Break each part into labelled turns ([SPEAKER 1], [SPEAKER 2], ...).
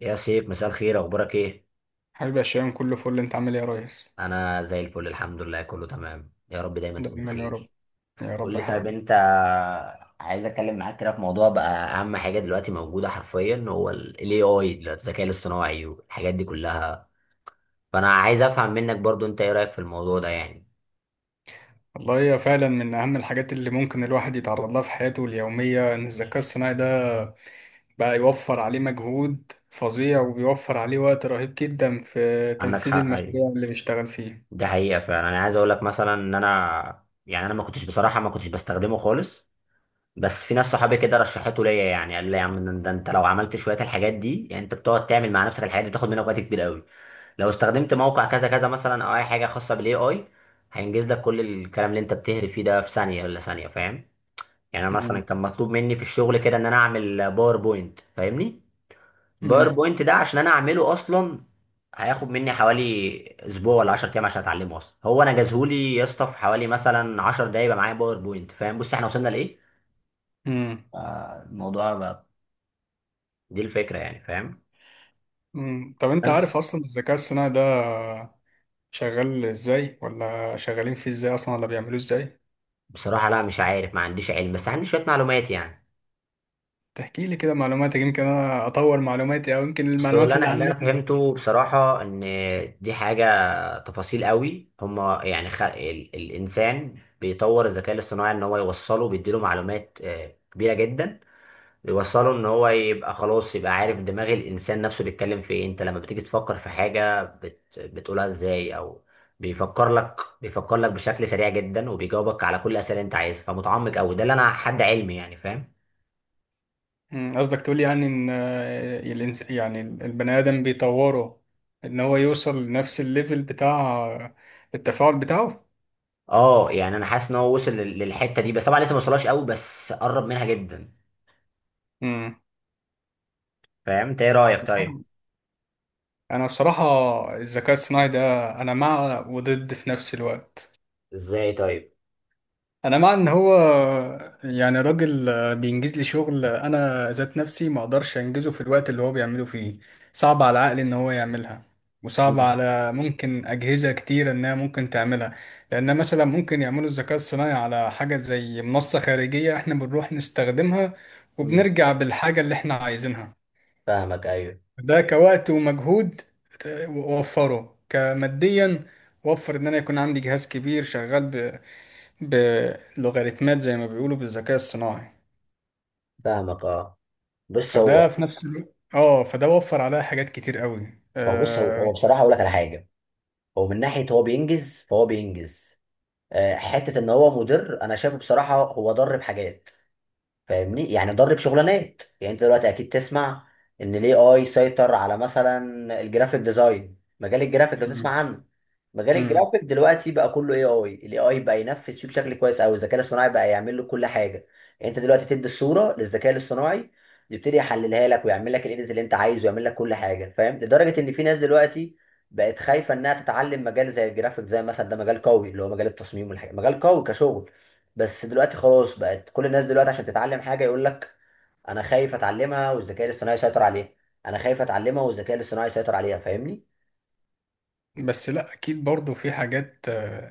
[SPEAKER 1] يا سيف، مساء الخير، اخبارك ايه؟
[SPEAKER 2] حبيبي يا شيماء، كله فل، انت عامل ايه يا ريس؟
[SPEAKER 1] انا زي الفل، الحمد لله، كله تمام. يا رب دايما تكون
[SPEAKER 2] دايما يا رب.
[SPEAKER 1] بخير.
[SPEAKER 2] يا
[SPEAKER 1] قول
[SPEAKER 2] رب يا
[SPEAKER 1] لي، طيب
[SPEAKER 2] حبيبي.
[SPEAKER 1] انت عايز اتكلم معاك كده في موضوع بقى. اهم حاجه دلوقتي موجوده حرفيا هو الاي اي دلوقتي، الذكاء الاصطناعي والحاجات دي كلها. فانا عايز افهم منك برضو انت ايه رايك في الموضوع ده يعني؟
[SPEAKER 2] والله هي فعلا من اهم الحاجات اللي ممكن الواحد يتعرض لها في حياته اليوميه، ان الذكاء الصناعي ده بقى يوفر عليه مجهود فظيع، وبيوفر عليه وقت رهيب جدا في
[SPEAKER 1] عندك
[SPEAKER 2] تنفيذ
[SPEAKER 1] حق، ايوه.
[SPEAKER 2] المشاريع اللي بيشتغل فيها.
[SPEAKER 1] ده حقيقه فعلا. انا عايز اقول لك مثلا ان انا، يعني انا ما كنتش بصراحه ما كنتش بستخدمه خالص. بس في ناس صحابي كده رشحته ليا، يعني قال لي يا عم، ده انت لو عملت شويه الحاجات دي يعني انت بتقعد تعمل مع نفسك الحاجات دي تاخد منك وقت كبير قوي. لو استخدمت موقع كذا كذا مثلا او اي حاجه خاصه بالاي اي هينجز لك كل الكلام اللي انت بتهري فيه ده في ثانيه ولا ثانيه، فاهم؟ يعني انا مثلا
[SPEAKER 2] مم.
[SPEAKER 1] كان مطلوب مني في الشغل كده ان انا اعمل باوربوينت، فاهمني؟
[SPEAKER 2] مم.
[SPEAKER 1] باوربوينت ده عشان انا اعمله اصلا هياخد مني حوالي اسبوع ولا 10 ايام عشان اتعلمه اصلا. هو انا جازهولي يا اسطى في حوالي مثلا 10 دقايق يبقى معايا باوربوينت. فاهم بص احنا وصلنا لايه؟
[SPEAKER 2] مم.
[SPEAKER 1] الموضوع دي الفكرة يعني، فاهم؟
[SPEAKER 2] مم. طب انت
[SPEAKER 1] أن-
[SPEAKER 2] عارف اصلا الذكاء الصناعي ده شغال ازاي، ولا شغالين فيه ازاي اصلا، ولا بيعملوه ازاي؟
[SPEAKER 1] بصراحة لا، مش عارف، ما عنديش علم، بس عندي شوية معلومات يعني.
[SPEAKER 2] تحكي لي كده معلوماتك، يمكن انا اطور معلوماتي، او يمكن
[SPEAKER 1] بس اللي
[SPEAKER 2] المعلومات اللي
[SPEAKER 1] انا اللي انا
[SPEAKER 2] عندنا.
[SPEAKER 1] فهمته بصراحة ان دي حاجة تفاصيل قوي هما، يعني الانسان بيطور الذكاء الاصطناعي ان هو يوصله، بيديله معلومات كبيرة جدا. يوصله ان هو يبقى خلاص، يبقى عارف دماغ الانسان نفسه بيتكلم في ايه. انت لما بتيجي تفكر في حاجه بتقولها ازاي، او بيفكر لك بيفكر لك بشكل سريع جدا وبيجاوبك على كل الاسئله اللي انت عايزها، فمتعمق قوي. ده اللي انا حد علمي يعني، فاهم؟
[SPEAKER 2] مم، قصدك تقول يعني ان يعني البني ادم بيطوره، ان هو يوصل لنفس الليفل بتاع التفاعل بتاعه.
[SPEAKER 1] اه يعني انا حاسس ان هو وصل للحته دي، بس طبعا لسه ما وصلهاش قوي، بس قرب منها جدا.
[SPEAKER 2] مم.
[SPEAKER 1] فاهم، انت ايه رايك طيب؟
[SPEAKER 2] انا بصراحة الذكاء الصناعي ده انا مع وضد في نفس الوقت.
[SPEAKER 1] ازاي طيب؟
[SPEAKER 2] انا مع ان هو يعني راجل بينجز لي شغل انا ذات نفسي ما اقدرش انجزه في الوقت اللي هو بيعمله فيه. صعب على عقلي ان هو يعملها، وصعب
[SPEAKER 1] مم.
[SPEAKER 2] على ممكن اجهزه كتير انها ممكن تعملها. لان مثلا ممكن يعملوا الذكاء الصناعي على حاجه زي منصه خارجيه احنا بنروح نستخدمها،
[SPEAKER 1] مم.
[SPEAKER 2] وبنرجع بالحاجه اللي احنا عايزينها.
[SPEAKER 1] فاهمك، ايوه.
[SPEAKER 2] ده كوقت ومجهود وفره كماديا، وفر ان انا يكون عندي جهاز كبير شغال بلوغاريتمات زي ما بيقولوا بالذكاء الصناعي.
[SPEAKER 1] فاهمك، اه. بص
[SPEAKER 2] فده
[SPEAKER 1] هو،
[SPEAKER 2] في نفس الوقت اه، فده وفر عليها حاجات كتير قوي
[SPEAKER 1] ما هو بص هو هو بصراحه اقول لك على حاجه، هو من ناحيه هو بينجز، فهو بينجز حته ان هو مدير. انا شايفه بصراحه هو ضر بحاجات، فاهمني؟ يعني ضرب شغلانات. يعني انت دلوقتي اكيد تسمع ان الاي اي سيطر على مثلا الجرافيك ديزاين، مجال الجرافيك لو
[SPEAKER 2] مم.
[SPEAKER 1] تسمع عنه. مجال
[SPEAKER 2] مم.
[SPEAKER 1] الجرافيك دلوقتي بقى كله اي اي، الاي اي بقى ينفذ فيه بشكل كويس قوي، الذكاء الاصطناعي بقى يعمل له كل حاجه. يعني انت دلوقتي تدي الصوره للذكاء الاصطناعي يبتدي يحللها لك ويعمل لك الايديت اللي انت عايزه ويعمل لك كل حاجه، فاهم؟ لدرجه ان في ناس دلوقتي بقت خايفه انها تتعلم مجال زي الجرافيك، زي مثلا ده مجال قوي، اللي هو مجال التصميم والحاجه، مجال قوي كشغل، بس دلوقتي خلاص بقت كل الناس دلوقتي عشان تتعلم حاجه يقول لك انا خايف اتعلمها والذكاء الاصطناعي يسيطر عليها. انا خايف اتعلمها والذكاء الاصطناعي يسيطر عليها، فاهمني؟
[SPEAKER 2] بس لا، اكيد برضو في حاجات،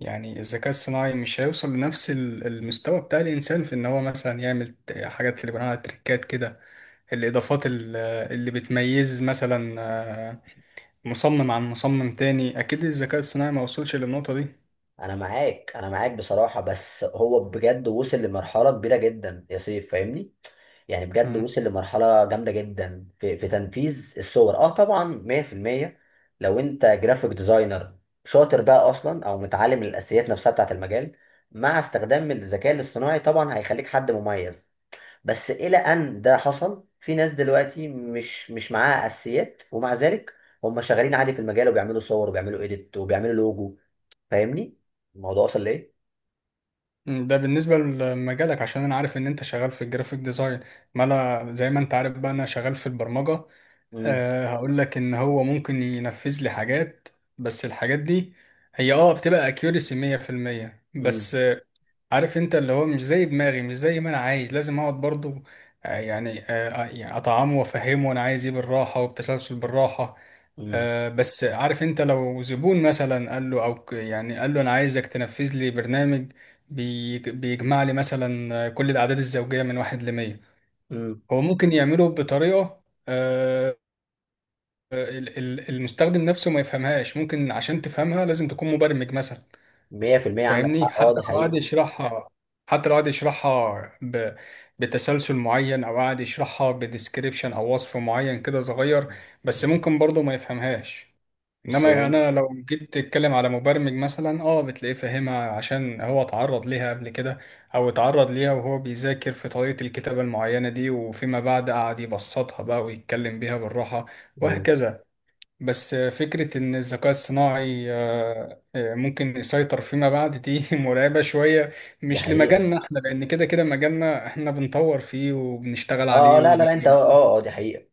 [SPEAKER 2] يعني الذكاء الصناعي مش هيوصل لنفس المستوى بتاع الانسان، في ان هو مثلا يعمل حاجات اللي بنقولها تريكات كده، الاضافات اللي بتميز مثلا مصمم عن مصمم تاني، اكيد الذكاء الصناعي ما وصلش للنقطة دي.
[SPEAKER 1] انا معاك، بصراحه، بس هو بجد وصل لمرحله كبيره جدا يا سيف، فاهمني؟ يعني بجد وصل لمرحله جامده جدا في تنفيذ الصور، اه طبعا 100%. لو انت جرافيك ديزاينر شاطر بقى اصلا او متعلم الاساسيات نفسها بتاعت المجال، مع استخدام الذكاء الاصطناعي طبعا هيخليك حد مميز. بس إلى أن ده حصل في ناس دلوقتي مش معاها أساسيات، ومع ذلك هم شغالين عادي في المجال وبيعملوا صور وبيعملوا إيديت وبيعملوا لوجو، فاهمني؟ الموضوع وصل لإيه؟
[SPEAKER 2] مم، ده بالنسبة لمجالك عشان أنا عارف إن أنت شغال في الجرافيك ديزاين، ما أنا زي ما أنت عارف بقى أنا شغال في البرمجة.
[SPEAKER 1] امم
[SPEAKER 2] أه، هقول لك إن هو ممكن ينفذ لي حاجات، بس الحاجات دي هي أه بتبقى أكيوريسي 100%،
[SPEAKER 1] امم
[SPEAKER 2] بس عارف أنت اللي هو مش زي دماغي، مش زي ما أنا عايز، لازم أقعد برضو، يعني أطعمه وأفهمه أنا عايز إيه بالراحة، وبتسلسل بالراحة.
[SPEAKER 1] امم
[SPEAKER 2] بس عارف انت لو زبون مثلا قال له، او يعني قال له انا عايزك تنفذ لي برنامج بيجمع لي مثلا كل الاعداد الزوجيه من واحد لمية.
[SPEAKER 1] امم
[SPEAKER 2] هو ممكن يعمله بطريقه، آه، المستخدم نفسه ما يفهمهاش، ممكن عشان تفهمها لازم تكون مبرمج مثلا.
[SPEAKER 1] 100%. عندك
[SPEAKER 2] فاهمني،
[SPEAKER 1] حق، اه،
[SPEAKER 2] حتى
[SPEAKER 1] دي
[SPEAKER 2] لو قعد
[SPEAKER 1] حقيقة.
[SPEAKER 2] يشرحها حتى لو قعد يشرحها بتسلسل معين، او قعد يشرحها بديسكريبشن او وصف معين كده صغير، بس ممكن برضه ما يفهمهاش. انما
[SPEAKER 1] الصوان،
[SPEAKER 2] انا لو جيت تتكلم على مبرمج مثلا، اه بتلاقيه فاهمها عشان هو اتعرض ليها قبل كده، او اتعرض ليها وهو بيذاكر في طريقة الكتابة المعينة دي، وفيما بعد قعد يبسطها بقى ويتكلم بيها بالراحة، وهكذا. بس فكرة إن الذكاء الصناعي ممكن يسيطر فيما بعد دي مرعبة شوية.
[SPEAKER 1] ده
[SPEAKER 2] مش
[SPEAKER 1] حقيقة،
[SPEAKER 2] لمجالنا إحنا، لأن كده كده مجالنا إحنا بنطور فيه وبنشتغل
[SPEAKER 1] اه.
[SPEAKER 2] عليه
[SPEAKER 1] لا لا لا انت، اه اه، دي حقيقة.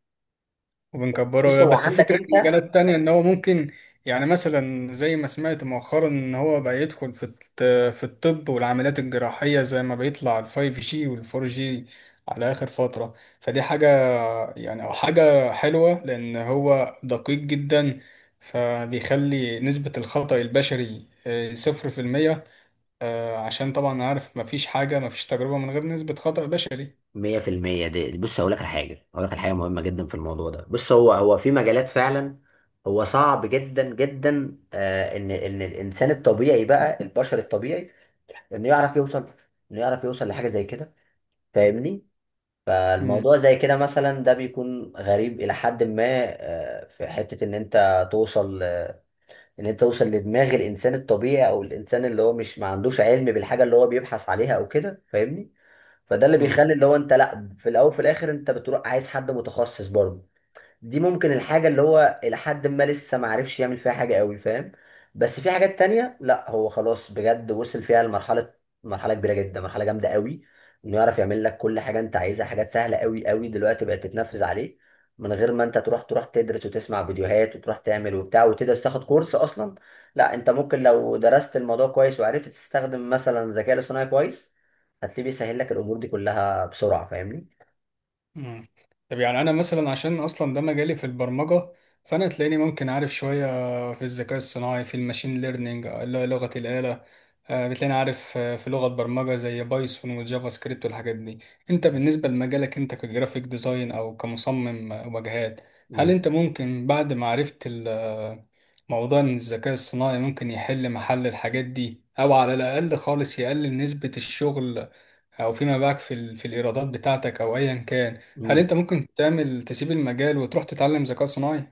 [SPEAKER 1] بص
[SPEAKER 2] وبنكبره.
[SPEAKER 1] هو،
[SPEAKER 2] بس
[SPEAKER 1] عندك
[SPEAKER 2] فكرة
[SPEAKER 1] انت
[SPEAKER 2] مجالات تانية إن هو ممكن، يعني مثلا زي ما سمعت مؤخرا إن هو بقى يدخل في في الطب والعمليات الجراحية، زي ما بيطلع الـ5G والـ4G على آخر فترة. فدي حاجة، يعني أو حاجة حلوة لأن هو دقيق جدا، فبيخلي نسبة الخطأ البشري 0%. عشان طبعا عارف مفيش حاجة، مفيش تجربة من غير نسبة خطأ بشري.
[SPEAKER 1] 100%، دي بص هقول لك على حاجة، هقول لك على حاجة مهمة جدا في الموضوع ده. بص هو، هو في مجالات فعلا هو صعب جدا جدا، ان الانسان الطبيعي بقى، البشر الطبيعي انه يعرف يوصل، لحاجة زي كده، فاهمني؟
[SPEAKER 2] مم.
[SPEAKER 1] فالموضوع زي كده مثلا ده بيكون غريب الى حد ما. آه، في حتة ان انت توصل، لدماغ الانسان الطبيعي، او الانسان اللي هو مش ما عندوش علم بالحاجة اللي هو بيبحث عليها او كده، فاهمني؟ فده اللي
[SPEAKER 2] مم.
[SPEAKER 1] بيخلي اللي هو انت، لا، في الاول وفي الاخر انت بتروح عايز حد متخصص برضه. دي ممكن الحاجة اللي هو إلى حد ما لسه ما عرفش يعمل فيها حاجة قوي، فاهم؟ بس في حاجات تانية لا، هو خلاص بجد وصل فيها لمرحلة، مرحلة كبيرة جدا، مرحلة جامدة قوي. إنه يعرف يعمل لك كل حاجة أنت عايزها، حاجات سهلة قوي قوي دلوقتي بقت تتنفذ عليه من غير ما أنت تروح تدرس وتسمع فيديوهات وتروح تعمل وبتاع وتدرس تاخد كورس أصلا. لا أنت ممكن لو درست الموضوع كويس وعرفت تستخدم مثلا الذكاء الاصطناعي كويس، هتلاقيه بيسهل لك الأمور دي كلها بسرعة، فاهمني؟
[SPEAKER 2] مم. طب يعني انا مثلا عشان اصلا ده مجالي في البرمجه، فانا تلاقيني ممكن عارف شويه في الذكاء الصناعي، في الماشين ليرنينج اللي هي لغه الاله. بتلاقيني عارف في لغه برمجه زي بايثون وجافا سكريبت والحاجات دي. انت بالنسبه لمجالك، انت كجرافيك ديزاين او كمصمم واجهات، هل
[SPEAKER 1] مم.
[SPEAKER 2] انت ممكن بعد ما عرفت موضوع ان الذكاء الصناعي ممكن يحل محل الحاجات دي، او على الاقل خالص يقلل نسبه الشغل، او فيما باعك في في الايرادات بتاعتك او ايا كان، هل
[SPEAKER 1] مم.
[SPEAKER 2] انت ممكن تعمل تسيب المجال وتروح تتعلم ذكاء صناعي؟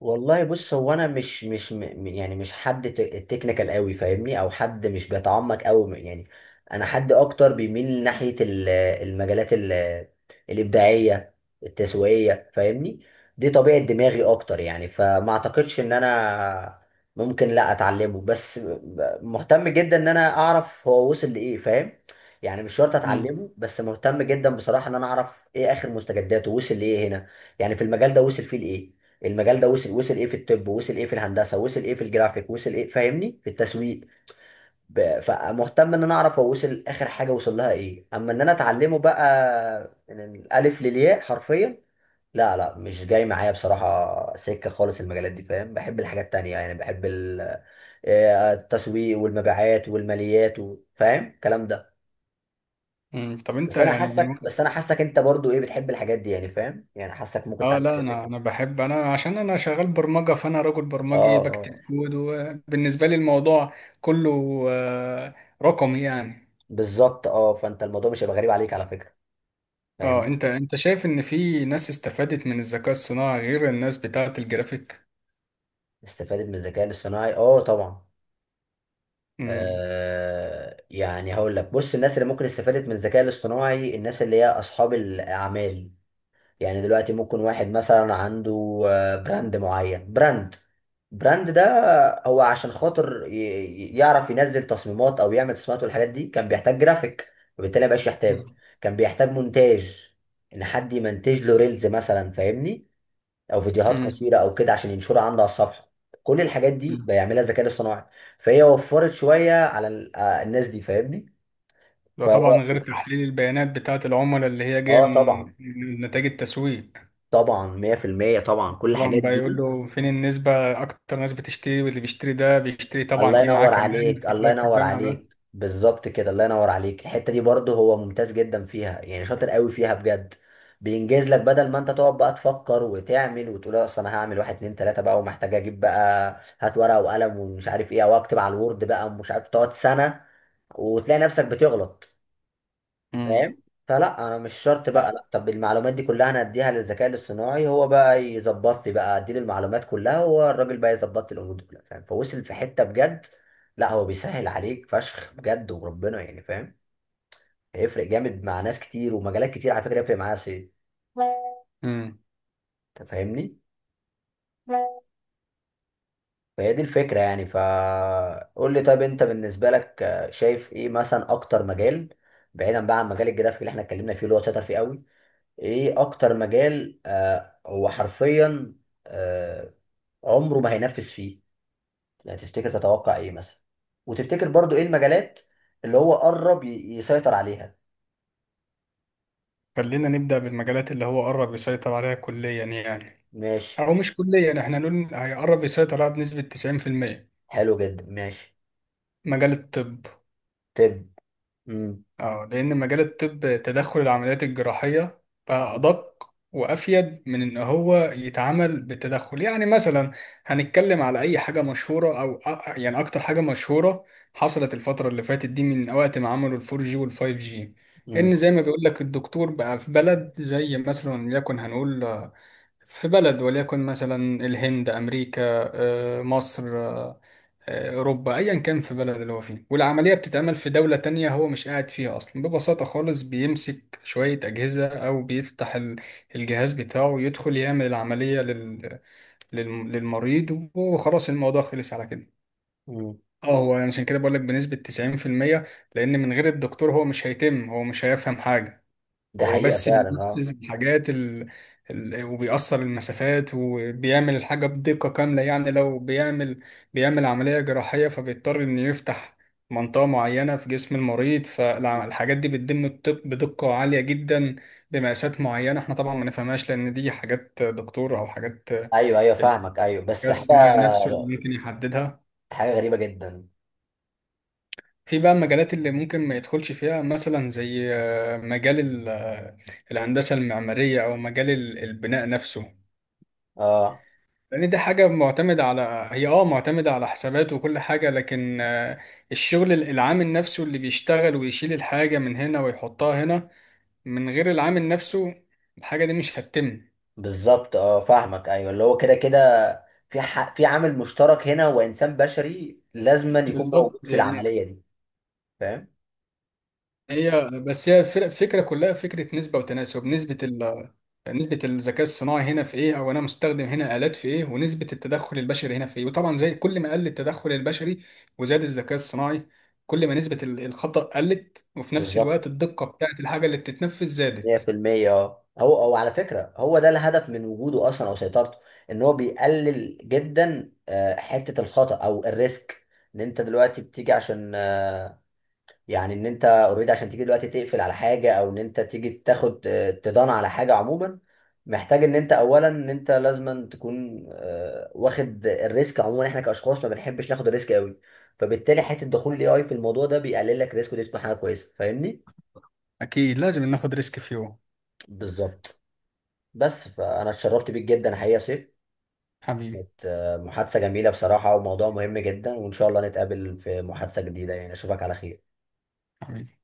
[SPEAKER 1] والله بص هو، انا مش مش م- م- يعني مش حد تكنيكال قوي، فاهمني؟ او حد مش بيتعمق قوي يعني. انا حد اكتر بيميل ناحية المجالات الابداعية التسويقية، فاهمني؟ دي طبيعة دماغي اكتر يعني. فما اعتقدش ان انا ممكن لا اتعلمه، بس مهتم جدا ان انا اعرف هو وصل لايه، فاهم؟ يعني مش شرط
[SPEAKER 2] مم.
[SPEAKER 1] اتعلمه، بس مهتم جدا بصراحة ان انا اعرف ايه اخر مستجداته، وصل لايه هنا، يعني في المجال ده وصل فيه لايه. المجال ده وصل ايه في الطب؟ وصل ايه في الهندسه؟ وصل ايه في الجرافيك؟ وصل ايه، فاهمني، في التسويق؟ فمهتم ان انا اعرف هو وصل اخر حاجه وصل لها ايه. اما ان انا اتعلمه بقى من الالف للياء حرفيا، لا لا، مش جاي معايا بصراحه سكه خالص المجالات دي، فاهم؟ بحب الحاجات التانيه يعني، بحب التسويق والمبيعات والماليات فاهم الكلام ده.
[SPEAKER 2] مم. طب انت يعني من
[SPEAKER 1] بس
[SPEAKER 2] وقت.
[SPEAKER 1] انا حاسك انت برضو ايه بتحب الحاجات دي يعني، فاهم؟ يعني حاسك ممكن
[SPEAKER 2] اه
[SPEAKER 1] تعمل
[SPEAKER 2] لا،
[SPEAKER 1] حاجات
[SPEAKER 2] انا
[SPEAKER 1] تانية.
[SPEAKER 2] بحب، انا عشان انا شغال برمجه، فانا راجل
[SPEAKER 1] اه
[SPEAKER 2] برمجي بكتب
[SPEAKER 1] اه،
[SPEAKER 2] كود، وبالنسبه لي الموضوع كله آه، رقمي يعني.
[SPEAKER 1] بالظبط. اه فانت الموضوع مش هيبقى غريب عليك على فكره،
[SPEAKER 2] اه،
[SPEAKER 1] فاهمني؟
[SPEAKER 2] انت شايف ان في ناس استفادت من الذكاء الصناعي غير الناس بتاعه الجرافيك؟
[SPEAKER 1] استفادت من الذكاء الاصطناعي؟ اه طبعا.
[SPEAKER 2] امم.
[SPEAKER 1] آه يعني هقول لك، بص الناس اللي ممكن استفادت من الذكاء الاصطناعي الناس اللي هي اصحاب الاعمال. يعني دلوقتي ممكن واحد مثلا عنده براند معين، براند ده هو عشان خاطر يعرف ينزل تصميمات او يعمل تصميمات والحاجات دي كان بيحتاج جرافيك، وبالتالي مبقاش يحتاجه.
[SPEAKER 2] مم.
[SPEAKER 1] كان بيحتاج مونتاج، ان حد يمنتج له ريلز مثلا، فاهمني؟ او فيديوهات
[SPEAKER 2] امم.
[SPEAKER 1] قصيره او كده عشان ينشرها عنده على الصفحه. كل الحاجات دي بيعملها الذكاء الاصطناعي، فهي وفرت شويه على الناس دي، فاهمني؟
[SPEAKER 2] ده
[SPEAKER 1] فهو،
[SPEAKER 2] طبعا غير تحليل البيانات بتاعه العملاء اللي هي جايه
[SPEAKER 1] اه
[SPEAKER 2] من
[SPEAKER 1] طبعا،
[SPEAKER 2] من نتائج التسويق.
[SPEAKER 1] طبعا 100%، طبعا كل
[SPEAKER 2] طبعا
[SPEAKER 1] الحاجات
[SPEAKER 2] بقى يقول
[SPEAKER 1] دي.
[SPEAKER 2] له فين النسبة أكتر ناس بتشتري، واللي بيشتري ده بيشتري
[SPEAKER 1] الله
[SPEAKER 2] طبعا إيه معاه
[SPEAKER 1] ينور
[SPEAKER 2] كمان،
[SPEAKER 1] عليك، الله
[SPEAKER 2] فتركز
[SPEAKER 1] ينور
[SPEAKER 2] ده مع ده.
[SPEAKER 1] عليك، بالظبط كده، الله ينور عليك. الحتة دي برضه هو ممتاز جدا فيها يعني، شاطر قوي فيها بجد. بينجز لك بدل ما انت تقعد بقى تفكر وتعمل وتقول اصل انا هعمل واحد اتنين تلاتة بقى، ومحتاج اجيب بقى، هات ورقة وقلم ومش عارف ايه، او اكتب على الوورد بقى ومش عارف، تقعد سنة وتلاقي نفسك بتغلط،
[SPEAKER 2] امم.
[SPEAKER 1] فاهم؟ فلا، انا مش شرط بقى، لا طب المعلومات دي كلها انا اديها للذكاء الاصطناعي، هو بقى يظبط لي بقى، اديله المعلومات كلها، هو الراجل بقى يظبط لي الامور دي كلها، فاهم؟ فوصل في حته بجد. لا هو بيسهل عليك فشخ بجد وربنا يعني، فاهم؟ هيفرق جامد مع ناس كتير ومجالات كتير على فكره، هيفرق معايا، سي،
[SPEAKER 2] امم.
[SPEAKER 1] انت فاهمني؟ فهي دي الفكره يعني. فقول لي، طيب انت بالنسبه لك شايف ايه مثلا اكتر مجال، بعيدا بقى عن مجال الجرافيك اللي احنا اتكلمنا فيه اللي هو شاطر فيه قوي، ايه اكتر مجال هو حرفيا آه عمره ما هينفذ فيه، يعني تفتكر، تتوقع ايه مثلا؟ وتفتكر برضو ايه المجالات اللي هو قرب يسيطر عليها؟
[SPEAKER 2] خلينا نبدأ بالمجالات اللي هو قرب يسيطر عليها كليا، يعني
[SPEAKER 1] ماشي،
[SPEAKER 2] أو مش كليا، إحنا نقول هيقرب يسيطر عليها بنسبة 90%.
[SPEAKER 1] حلو جدا، ماشي.
[SPEAKER 2] مجال الطب،
[SPEAKER 1] طب امم
[SPEAKER 2] اه، لأن مجال الطب تدخل العمليات الجراحية بقى أدق وأفيد من إن هو يتعامل بالتدخل، يعني مثلا هنتكلم على أي حاجة مشهورة، أو يعني أكتر حاجة مشهورة حصلت الفترة اللي فاتت دي، من وقت ما عملوا الـ4G والـ5G.
[SPEAKER 1] امم
[SPEAKER 2] إن زي ما بيقول لك الدكتور بقى في بلد زي مثلا، وليكن هنقول في بلد، وليكن مثلا الهند، أمريكا، مصر، اوروبا، ايا كان، في بلد اللي هو فيه، والعمليه بتتعمل في دوله تانية هو مش قاعد فيها اصلا، ببساطه خالص بيمسك شويه اجهزه او بيفتح الجهاز بتاعه، ويدخل يعمل العمليه لل... للمريض، وخلاص الموضوع خلص على كده.
[SPEAKER 1] امم
[SPEAKER 2] اه، هو عشان كده بقول لك بنسبه 90%، لان من غير الدكتور هو مش هيتم، هو مش هيفهم حاجه،
[SPEAKER 1] ده
[SPEAKER 2] هو
[SPEAKER 1] حقيقة
[SPEAKER 2] بس
[SPEAKER 1] فعلا، اه.
[SPEAKER 2] بينفذ الحاجات وبيقصر المسافات، وبيعمل الحاجة بدقة كاملة. يعني لو بيعمل عملية جراحية فبيضطر إنه يفتح منطقة معينة في جسم المريض، فالحاجات دي بتتم الطب بدقة عالية جدا، بمقاسات معينة احنا طبعا ما نفهمهاش، لأن دي حاجات دكتور أو حاجات
[SPEAKER 1] ايوه ايوه،
[SPEAKER 2] الذكاء
[SPEAKER 1] فاهمك، ايوه، بس حاجة،
[SPEAKER 2] الصناعي نفسه اللي ممكن يحددها.
[SPEAKER 1] حاجة غريبة جدا.
[SPEAKER 2] في بقى المجالات اللي ممكن ما يدخلش فيها، مثلا زي مجال الهندسة المعمارية، أو مجال البناء نفسه.
[SPEAKER 1] اه
[SPEAKER 2] لأن دي حاجة معتمدة على، هي اه معتمدة على حسابات وكل حاجة، لكن الشغل العامل نفسه اللي بيشتغل ويشيل الحاجة من هنا ويحطها هنا، من غير العامل نفسه الحاجة دي مش هتتم.
[SPEAKER 1] بالظبط، اه فاهمك، ايوه، اللي هو كده كده في عامل مشترك هنا، وانسان بشري لازما يكون موجود
[SPEAKER 2] بالظبط
[SPEAKER 1] في
[SPEAKER 2] يعني،
[SPEAKER 1] العمليه دي، فاهم؟
[SPEAKER 2] هي بس هي الفكره كلها فكره نسبه وتناسب، نسبه ال نسبة الذكاء الصناعي هنا في ايه، او انا مستخدم هنا آلات في ايه، ونسبة التدخل البشري هنا في ايه، وطبعا زي كل ما قل التدخل البشري وزاد الذكاء الصناعي، كل ما نسبة الخطأ قلت، وفي نفس
[SPEAKER 1] بالظبط،
[SPEAKER 2] الوقت الدقة بتاعت الحاجة اللي بتتنفذ زادت.
[SPEAKER 1] 100%. اه هو، او على فكره هو ده الهدف من وجوده اصلا او سيطرته، ان هو بيقلل جدا حته الخطا او الريسك. ان انت دلوقتي بتيجي عشان يعني ان انت اوريدي عشان تيجي دلوقتي تقفل على حاجه، او ان انت تيجي تاخد تدان على حاجه عموما، محتاج ان انت اولا ان انت لازما تكون واخد الريسك. عموما احنا كاشخاص ما بنحبش ناخد الريسك قوي. فبالتالي حته دخول الاي اي في الموضوع ده بيقلل لك الريسك، ودي بتبقى حاجه كويسه، فاهمني؟
[SPEAKER 2] أكيد لازم ناخد ريسك في يوم.
[SPEAKER 1] بالظبط. بس فانا اتشرفت بيك جدا حقيقه يا سيف.
[SPEAKER 2] حبيبي.
[SPEAKER 1] كانت محادثه جميله بصراحه وموضوع مهم جدا، وان شاء الله نتقابل في محادثه جديده يعني، اشوفك على خير.
[SPEAKER 2] حبيبي.